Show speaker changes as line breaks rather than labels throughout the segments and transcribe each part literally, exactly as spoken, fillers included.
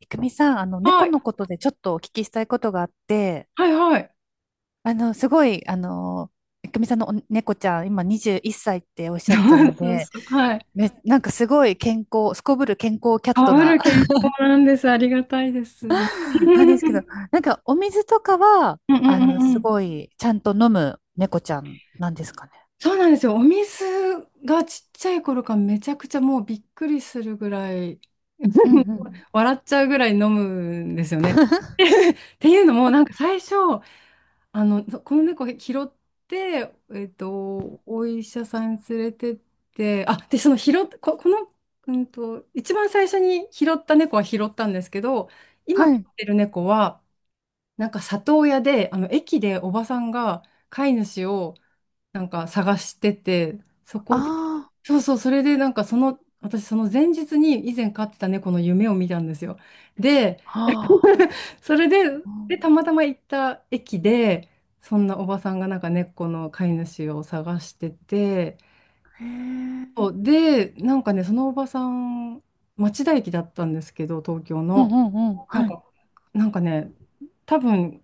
いくみさん、あの、
は
猫
い、
のことでちょっとお聞きしたいことがあって、
はいはい。
あの、すごい、あの、いくみさんのお猫ちゃん、今にじゅういっさいっさいっておっしゃってたの
そう
で、
そう、はい。
め、なんかすごい健康、すこぶる健康キャッ
か
ト
ぶ
な、
る健康なんです。ありがたいです。うん
なん
う
ですけど、
ん
なんかお水とかは、
う
あの、
んう
す
ん。
ごい、ちゃんと飲む猫ちゃんなんですかね。
そうなんですよ。お水がちっちゃい頃からめちゃくちゃもうびっくりするぐらい
うんう ん。
笑っちゃうぐらい飲むんですよね。っていうのも、なんか最初、あの、この猫拾って、えっと、お医者さんに連れてって、あ、で、その拾っ、こ、この、うんと、一番最初に拾った猫は拾ったんですけど、今
は
飼っ
い。
てる猫は、なんか里親で、あの、駅でおばさんが飼い主をなんか探してて、そこで、
あ
そうそう、それでなんかその、私その前日に以前飼ってた猫の夢を見たんですよ。で、
あ、はあ。
それで、
う
で、た
ん。
またま行った駅で、そんなおばさんがなんか猫の飼い主を探してて、
へえ。
そうで、なんかね、そのおばさん、町田駅だったんですけど、東京
う
の。
んうんうん。
なん
はい。
か、なんかね、多分、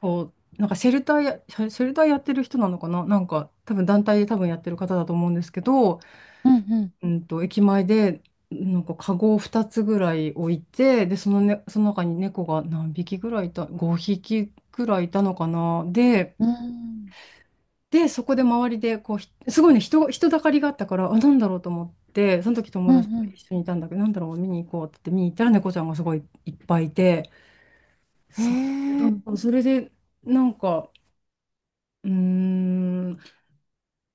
こう、なんかシェルターや、シェシェルターやってる人なのかな、なんか多分団体で多分やってる方だと思うんですけど、
うんうん。
うんと、駅前で、なんか、カゴをふたつぐらい置いて、で、その、ね、その中に猫が何匹ぐらいいた、ごひきぐらいいたのかな。で、
うん。
で、そこで周りで、こう、ひすごいね、人、人だかりがあったから、あ、なんだろうと思って、その時友
う
達と
んう
一緒にいたんだけど、なんだろう、見に行こうって言って見に行ったらね、猫ちゃんがすごいいっぱいいて、
ん。
そ、う
へえ。
んそれで、なんか、うーん、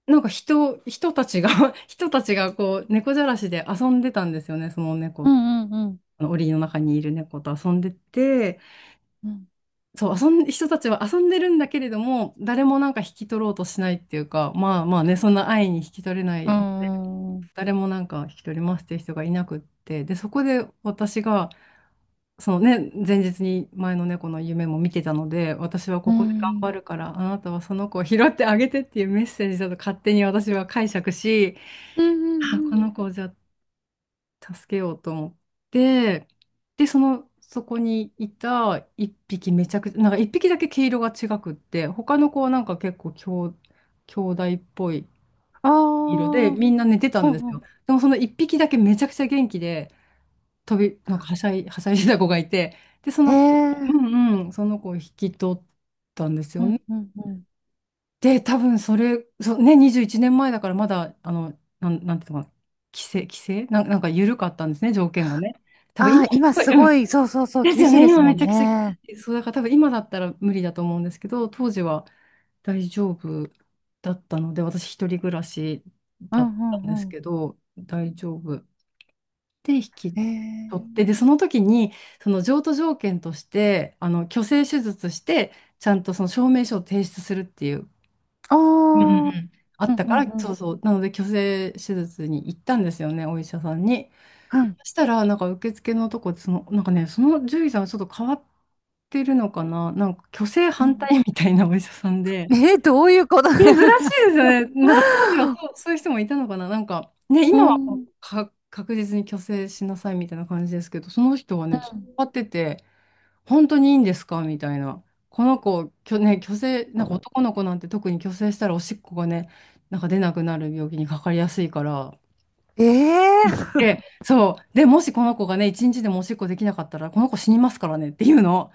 なんか人、人たちが 人たちがこう、猫じゃらしで遊んでたんですよね、その
う
猫
んうんうん
あの檻の中にいる猫と遊んでて、
うん。
そう、遊ん、人たちは遊んでるんだけれども、誰もなんか引き取ろうとしないっていうか、まあまあね、そんな愛に引き取れな
う
い、
ん。うん。
誰もなんか引き取りますっていう人がいなくって、で、そこで私が、そのね、前日に前の猫の夢も見てたので、私は
う
ここで頑張
ん。
るから、あなたはその子を拾ってあげてっていうメッセージだと勝手に私は解釈し、
うん
あ、
う
こ
ん。
の子をじゃあ助けようと思って、で、その、そこにいた一匹めちゃくちゃ、なんか一匹だけ毛色が違くって、他の子はなんか結構兄、兄弟っぽい
ああ
色で、
ー。
みんな寝てた
う
んです
んうん。
よ。でもその一匹だけめちゃくちゃ元気で、飛び、なんかはしゃい、はしゃいでた子がいて、で、そ
へ
の、う
え。
んうん、その子を引き取ったんです
う
よね。
んうんうん。
で、多分それ、そうね、にじゅういちねんまえだからまだ、あの、なん、なんていうのかな、規制、規制なん、なんか緩かったんですね、条件がね。多分今、
ああ、
す
今
ごい、
す
うん。
ごい、そうそうそう、
です
厳
よ
しい
ね、
です
今
も
めち
ん
ゃくちゃ厳し
ね。
い、そう、だから多分今だったら無理だと思うんですけど、当時は大丈夫だったので、私一人暮らし
う
だ
ん
っ
う
たんです
んうん。
けど、大丈夫。で、引き
へ
取って、で、
え。
その時に、その譲渡条件として、あの、去勢手術して、ちゃんとその証明書を提出するっていう、
あ
うんうん
あ。
う
う
ん。あっ
ん
た
う
か
ん
ら、
う
そ
ん。
うそう。なので、去勢手術に行ったんですよね、お医者さんに。
うん
そしたら、なんか受付のとこで、その、なんかね、その獣医さんはちょっと変わってるのかな、なんか去勢
う
反
ん。
対みたいなお医者さんで、
えー、どういうこと？
珍し いですよね。なんか当時はそう、そういう人もいたのかな、なんか、ね、
う
今は
ん。
もう
うん。
か確実に去勢しなさいみたいな感じですけど、その人はね、ちょっと変わってて、本当にいいんですかみたいな。この子、きょ、ね、虚勢、なんか男の子なんて特に虚勢したらおしっこがね、なんか出なくなる病気にかかりやすいから。
ええー。
で、そう。で、もしこの子がね、一日でもおしっこできなかったら、この子死にますからねっていうの。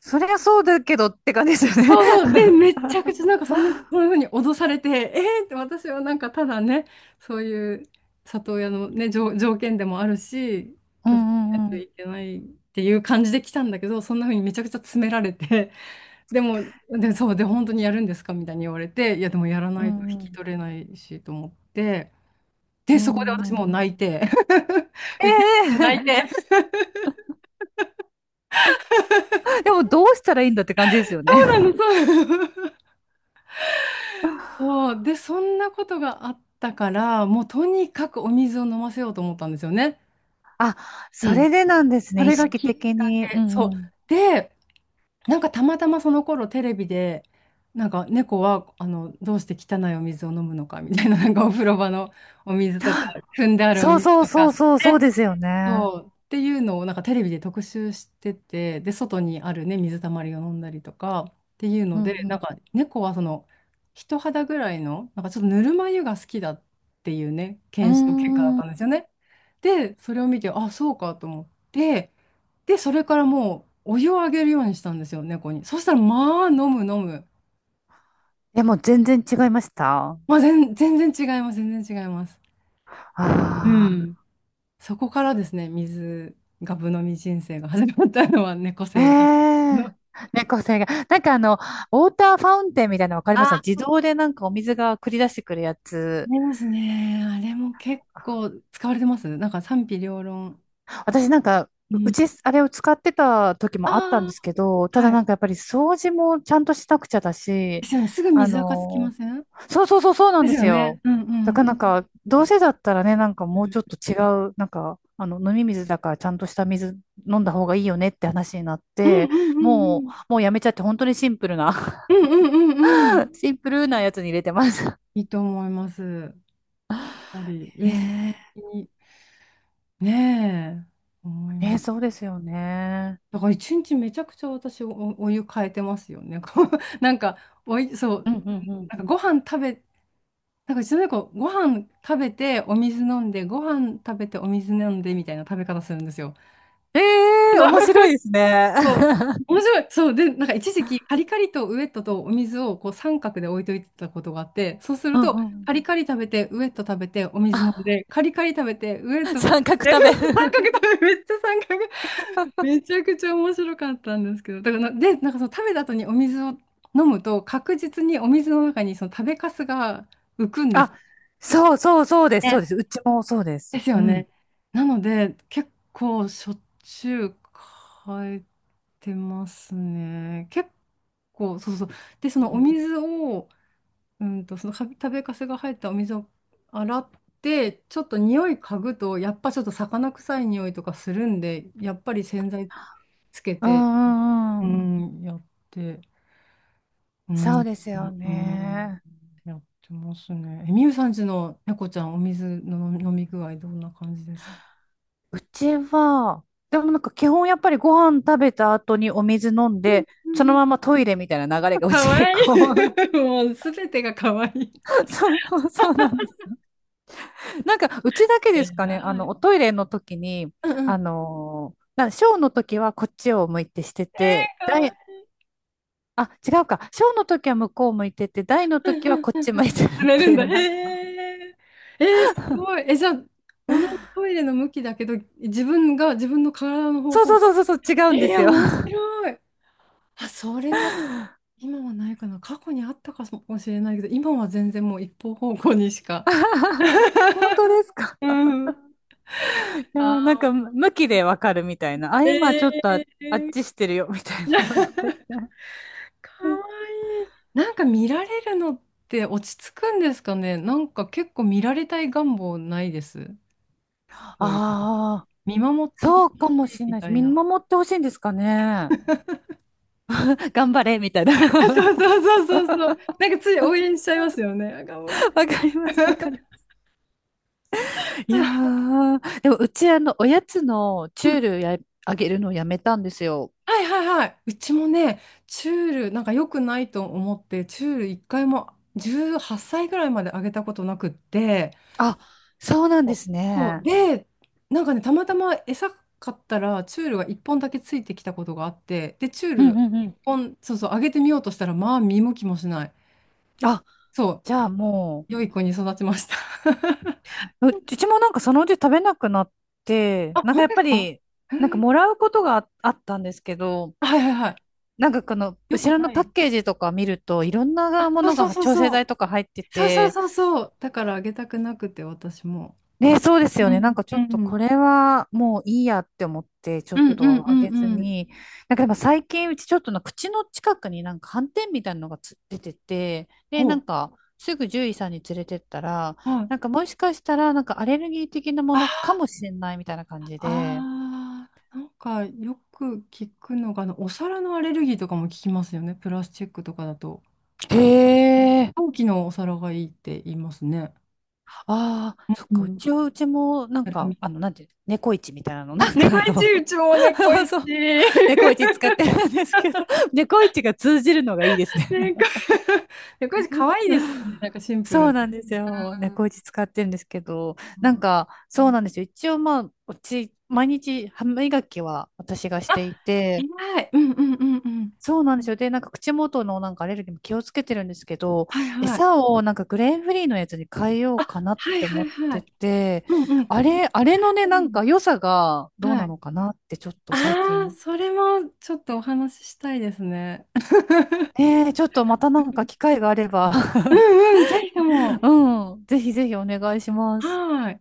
そりゃそうだけどって感じですよね。
そうそう。で、めちゃくちゃなんかそんな、そんな風に脅されて、えーって私はなんかただね、そういう里親のね、条、条件でもあるし、
う
拒絶し
ん
な
う
い
ん
と
うん。
いけないっていう感じで来たんだけど、そんな風にめちゃくちゃ詰められて、でも、で、そう、で、本当にやるんですかみたいに言われて、いや、でもやら
う
ないと引
んう
き
ん。
取れないしと思って、で、
う
そこで
ん
私
う
もう
ん。
泣いて、受け入て泣い
ええ。
て、
でもどうしたらいいんだって感じですよね。
そうなの、そうなの。そう、で、そんなことがあったから、もうとにかくお水を飲ませようと思ったんですよね。
あ、
う
そ
ん。
れでなんです
あ
ね。意
れが
識
きっ
的
か
に。う
け。そう。
んうん。
で、なんかたまたまその頃テレビで、なんか猫はあのどうして汚いお水を飲むのかみたいな、なんかお風呂場のお水とか、汲んであるお
そう
水
そう
と
そう
か。
そう、そうですよね。
そう。っていうのをなんかテレビで特集してて、で、外にあるね、水たまりを飲んだりとかっていう
う
ので、なん
ん
か猫はその人肌ぐらいの、なんかちょっとぬるま湯が好きだっていうね、
う
検証結果だっ
ん。うー
たん
ん。
ですよね。で、それを見て、あ、そうかと思って、で、それからもうお湯をあげるようにしたんですよ、猫に。そしたら、まあ、飲む飲む。
でも全然違いましたあ。
まあ、全、全然違います、全然違います。う
あ。
ん。そこからですね、水がぶ飲み人生が始まったのは、猫
え。
生が。あ
え。猫背が。なんかあの、ウォーターファウンテンみたいなの分かりました？自動でなんかお水が繰り出してくるやつ。
りますね。あれも結構使われてます。なんか賛否両論。
私なんか、
う
うう
ん。
ち、あれを使ってた時
あ
もあったん
あ、
ですけど、ただ
はい。
なんかやっぱり掃除もちゃんとしなくちゃだ
で
し、
すよね。すぐ
あ
水垢つきま
の、
せん
そうそうそうそうなん
で
で
すよ
す
ね。
よ。
うんう
だ
ん。っ
からなんか、どう
て、
せだったらね、なんかもうちょっと違う、なんか、あの、飲み水だからちゃんとした水飲んだ方がいいよねって話になっ
うんうん
て、
うんう
もう、
ん。
もうやめちゃって本当にシンプルな
うんうんうんうん。
シンプルなやつに入れてます。
いいと思います。やっぱり衛生
ね
的に。ねえ、思い
え、ね
ま
え、
す。
そうですよね。
だから一日めちゃくちゃ私お、おお湯変えてますよね。こうなんかおい、そ
う
う、
んうんうん。
なんかご飯食べ、なんかうちの猫、ご飯食べてお水飲んで、ご飯食べてお水飲んでみたいな食べ方するんですよ。
ええ、面白いです ね。
そう。面白い。そう。で、なんか一時期、カリカリとウエットとお水をこう三角で置いといてたことがあって、そうする
うんう
と、
んうん
カリカリ食べて、ウエット食べて、お水飲んで、カリカリ食べて、ウエッ ト、
三角
え
食べ。
そう 三角 食べ、めっちゃ三角、めちゃくちゃ面白かったんですけど、だからな、で、なんかその食べた後にお水を飲むと、確実にお水の中にその食べかすが浮くんで
あ。
す。
そうそうそうです、そうで
ね
す。うちもそうで
で
す。
すよ
う
ね。
ん。
なので、結構しょっちゅう変えてますね。結構、そうそう。で、そ
う
のお
ん
水を、うんと、そのか食べかすが入ったお水を洗って、ちょっと匂い嗅ぐと、やっぱちょっと魚臭い匂いとかするんで、やっぱり洗剤、
うんうんう
う
ん。
ん、やって、うん、
そうです
う
よ
ん、うん
ね。
やってますね。え、みゆさんちの猫ちゃん、お水の飲み飲み具合、どんな感じですか。
うちは、でもなんか基本やっぱりご飯食べた後にお水飲んで、そのままトイレみたいな流れが う
か
ち
わ
結
いい。
構
もうすべてがかわいい。
そう、そうそうなんです。なんかうちだけで
え
すか
ら
ね、あの、
い。
おトイレの時に、
うんう
あ
ん。
のーなショーの時はこっちを向いてしてて、
かわいい。
あ、違うか。小の時は向こう向いてて、大の
う
時は
ん
こっ
うん、
ち向いてるっ
詰める
て
ん
い
だ。
う、
へ
なんか
え。えー、すごい。え、じゃあ、同じトイレの向きだけど、自分が、自分の体の方
そう
向
そうそ
が。
うそうそう、違うんで
え
す
ー、
よ。
面白い。あ、それは今はないかな。過去にあったかもしれないけど、今は全然もう一方方向にしか。
本当です か。
うん。
い やー、なん
あ
か、む向きでわかるみたいな。あ、
ー、
今ちょっ
え
と、あ、あっ
ー。
ちしてるよ、みたいなのとか言 って。
かわいい。なんか見られるのって落ち着くんですかね。なんか結構見られたい願望ないです。トイレ
ああ、
見守ってて
そう
ほ
か
し
も
い
しれ
み
ない
た
で、
い
見
な。
守ってほしいんですかね。頑張れ、みたいな。
そうそう そうそうそう。なんかつい応援しちゃいますよね。あ、頑張れ。
わかります、わかりま す。いやー、でもうち、あの、おやつのチ
う
ュ
ん、
ールや、あげるのをやめたんですよ。
はいはいはい。うちもね、チュール、なんか良くないと思って、チュール一回もじゅうはっさいぐらいまであげたことなくって、
あ、そうなんで
お、
す
そう。
ね。
で、なんかね、たまたま餌買ったら、チュールがいっぽんだけついてきたことがあって、で、チュー
うん
ル
うんう
1
ん。
本、そうそう、あげてみようとしたら、まあ、見向きもしない。
あ、
そう、
じゃあも
良い子に育ちました。
う、ううちもなんかそのうち食べなくなって、
あ、
なん
本
か
当
やっ
で
ぱ
すか。
り、なんかもらうことがああったんですけど、
はいはいはい。
なんかこの
よ
後
く、
ろの
な
パッ
い。
ケージとか見るといろんな
あ、
も
そう
の
そう
が
そう
調整
そう。
剤とか入って
そうそう
て、
そうそう。だからあげたくなくて、私も。
ね、そうで
う
すよね。なん
ん
かちょっと
う
こ
ん。
れはもういいやって思って、ちょ
う
っ
んうん
と
う
あげず
んうん。
に。なんかでも最近うちちょっとの口の近くになんか斑点みたいなのがつ出てて、
ほ
で、なんかすぐ獣医さんに連れてったら、
う。はい。
なんかもしかしたらなんかアレルギー的なものかもしれないみたいな感じで、
ああ、なんかよく聞くのが、あの、お皿のアレルギーとかも聞きますよね。プラスチックとかだと。
へえ。
陶器のお皿がいいって言いますね。
ああ、
う
そっか、う
ん。
ちは、うちも、なん
セラミ
か、あ
ッ
の、なんていう、猫市みたいなの、
あ、
なん
ク。
か
猫
あ
一、
の、
うちも猫 一。
そう、猫市使ってるんですけど、猫市が通じるのがいいですね。
猫猫舌可愛いですね。なんかシンプ
そう
ル
なん
で。
ですよ。猫打ち使ってるんですけど、
う
なんか、そう
ん、
なんですよ。一応まあ、うち、毎日歯磨きは私がし
あ、
ていて、
偉い。うんうんうんうん。
そうなんですよ。で、なんか口元のなんかアレルギーも気をつけてるんですけど、
はいはい。
餌をなんかグレーンフリーのやつに変えよう
あ、
かなっ
はい
て
は
思
い
っ
は
て
い。
て、
うんうん。
あれ、あれのね、
う
なん
ん、
か良さがどう
は
な
い。
のかなってちょっと最
ああ、
近。
それもちょっとお話ししたいですね。
えー、ちょっとまたなんか機会があれば
うんうん、ぜひと も。
うん、ぜひぜひお願いします。
はーい。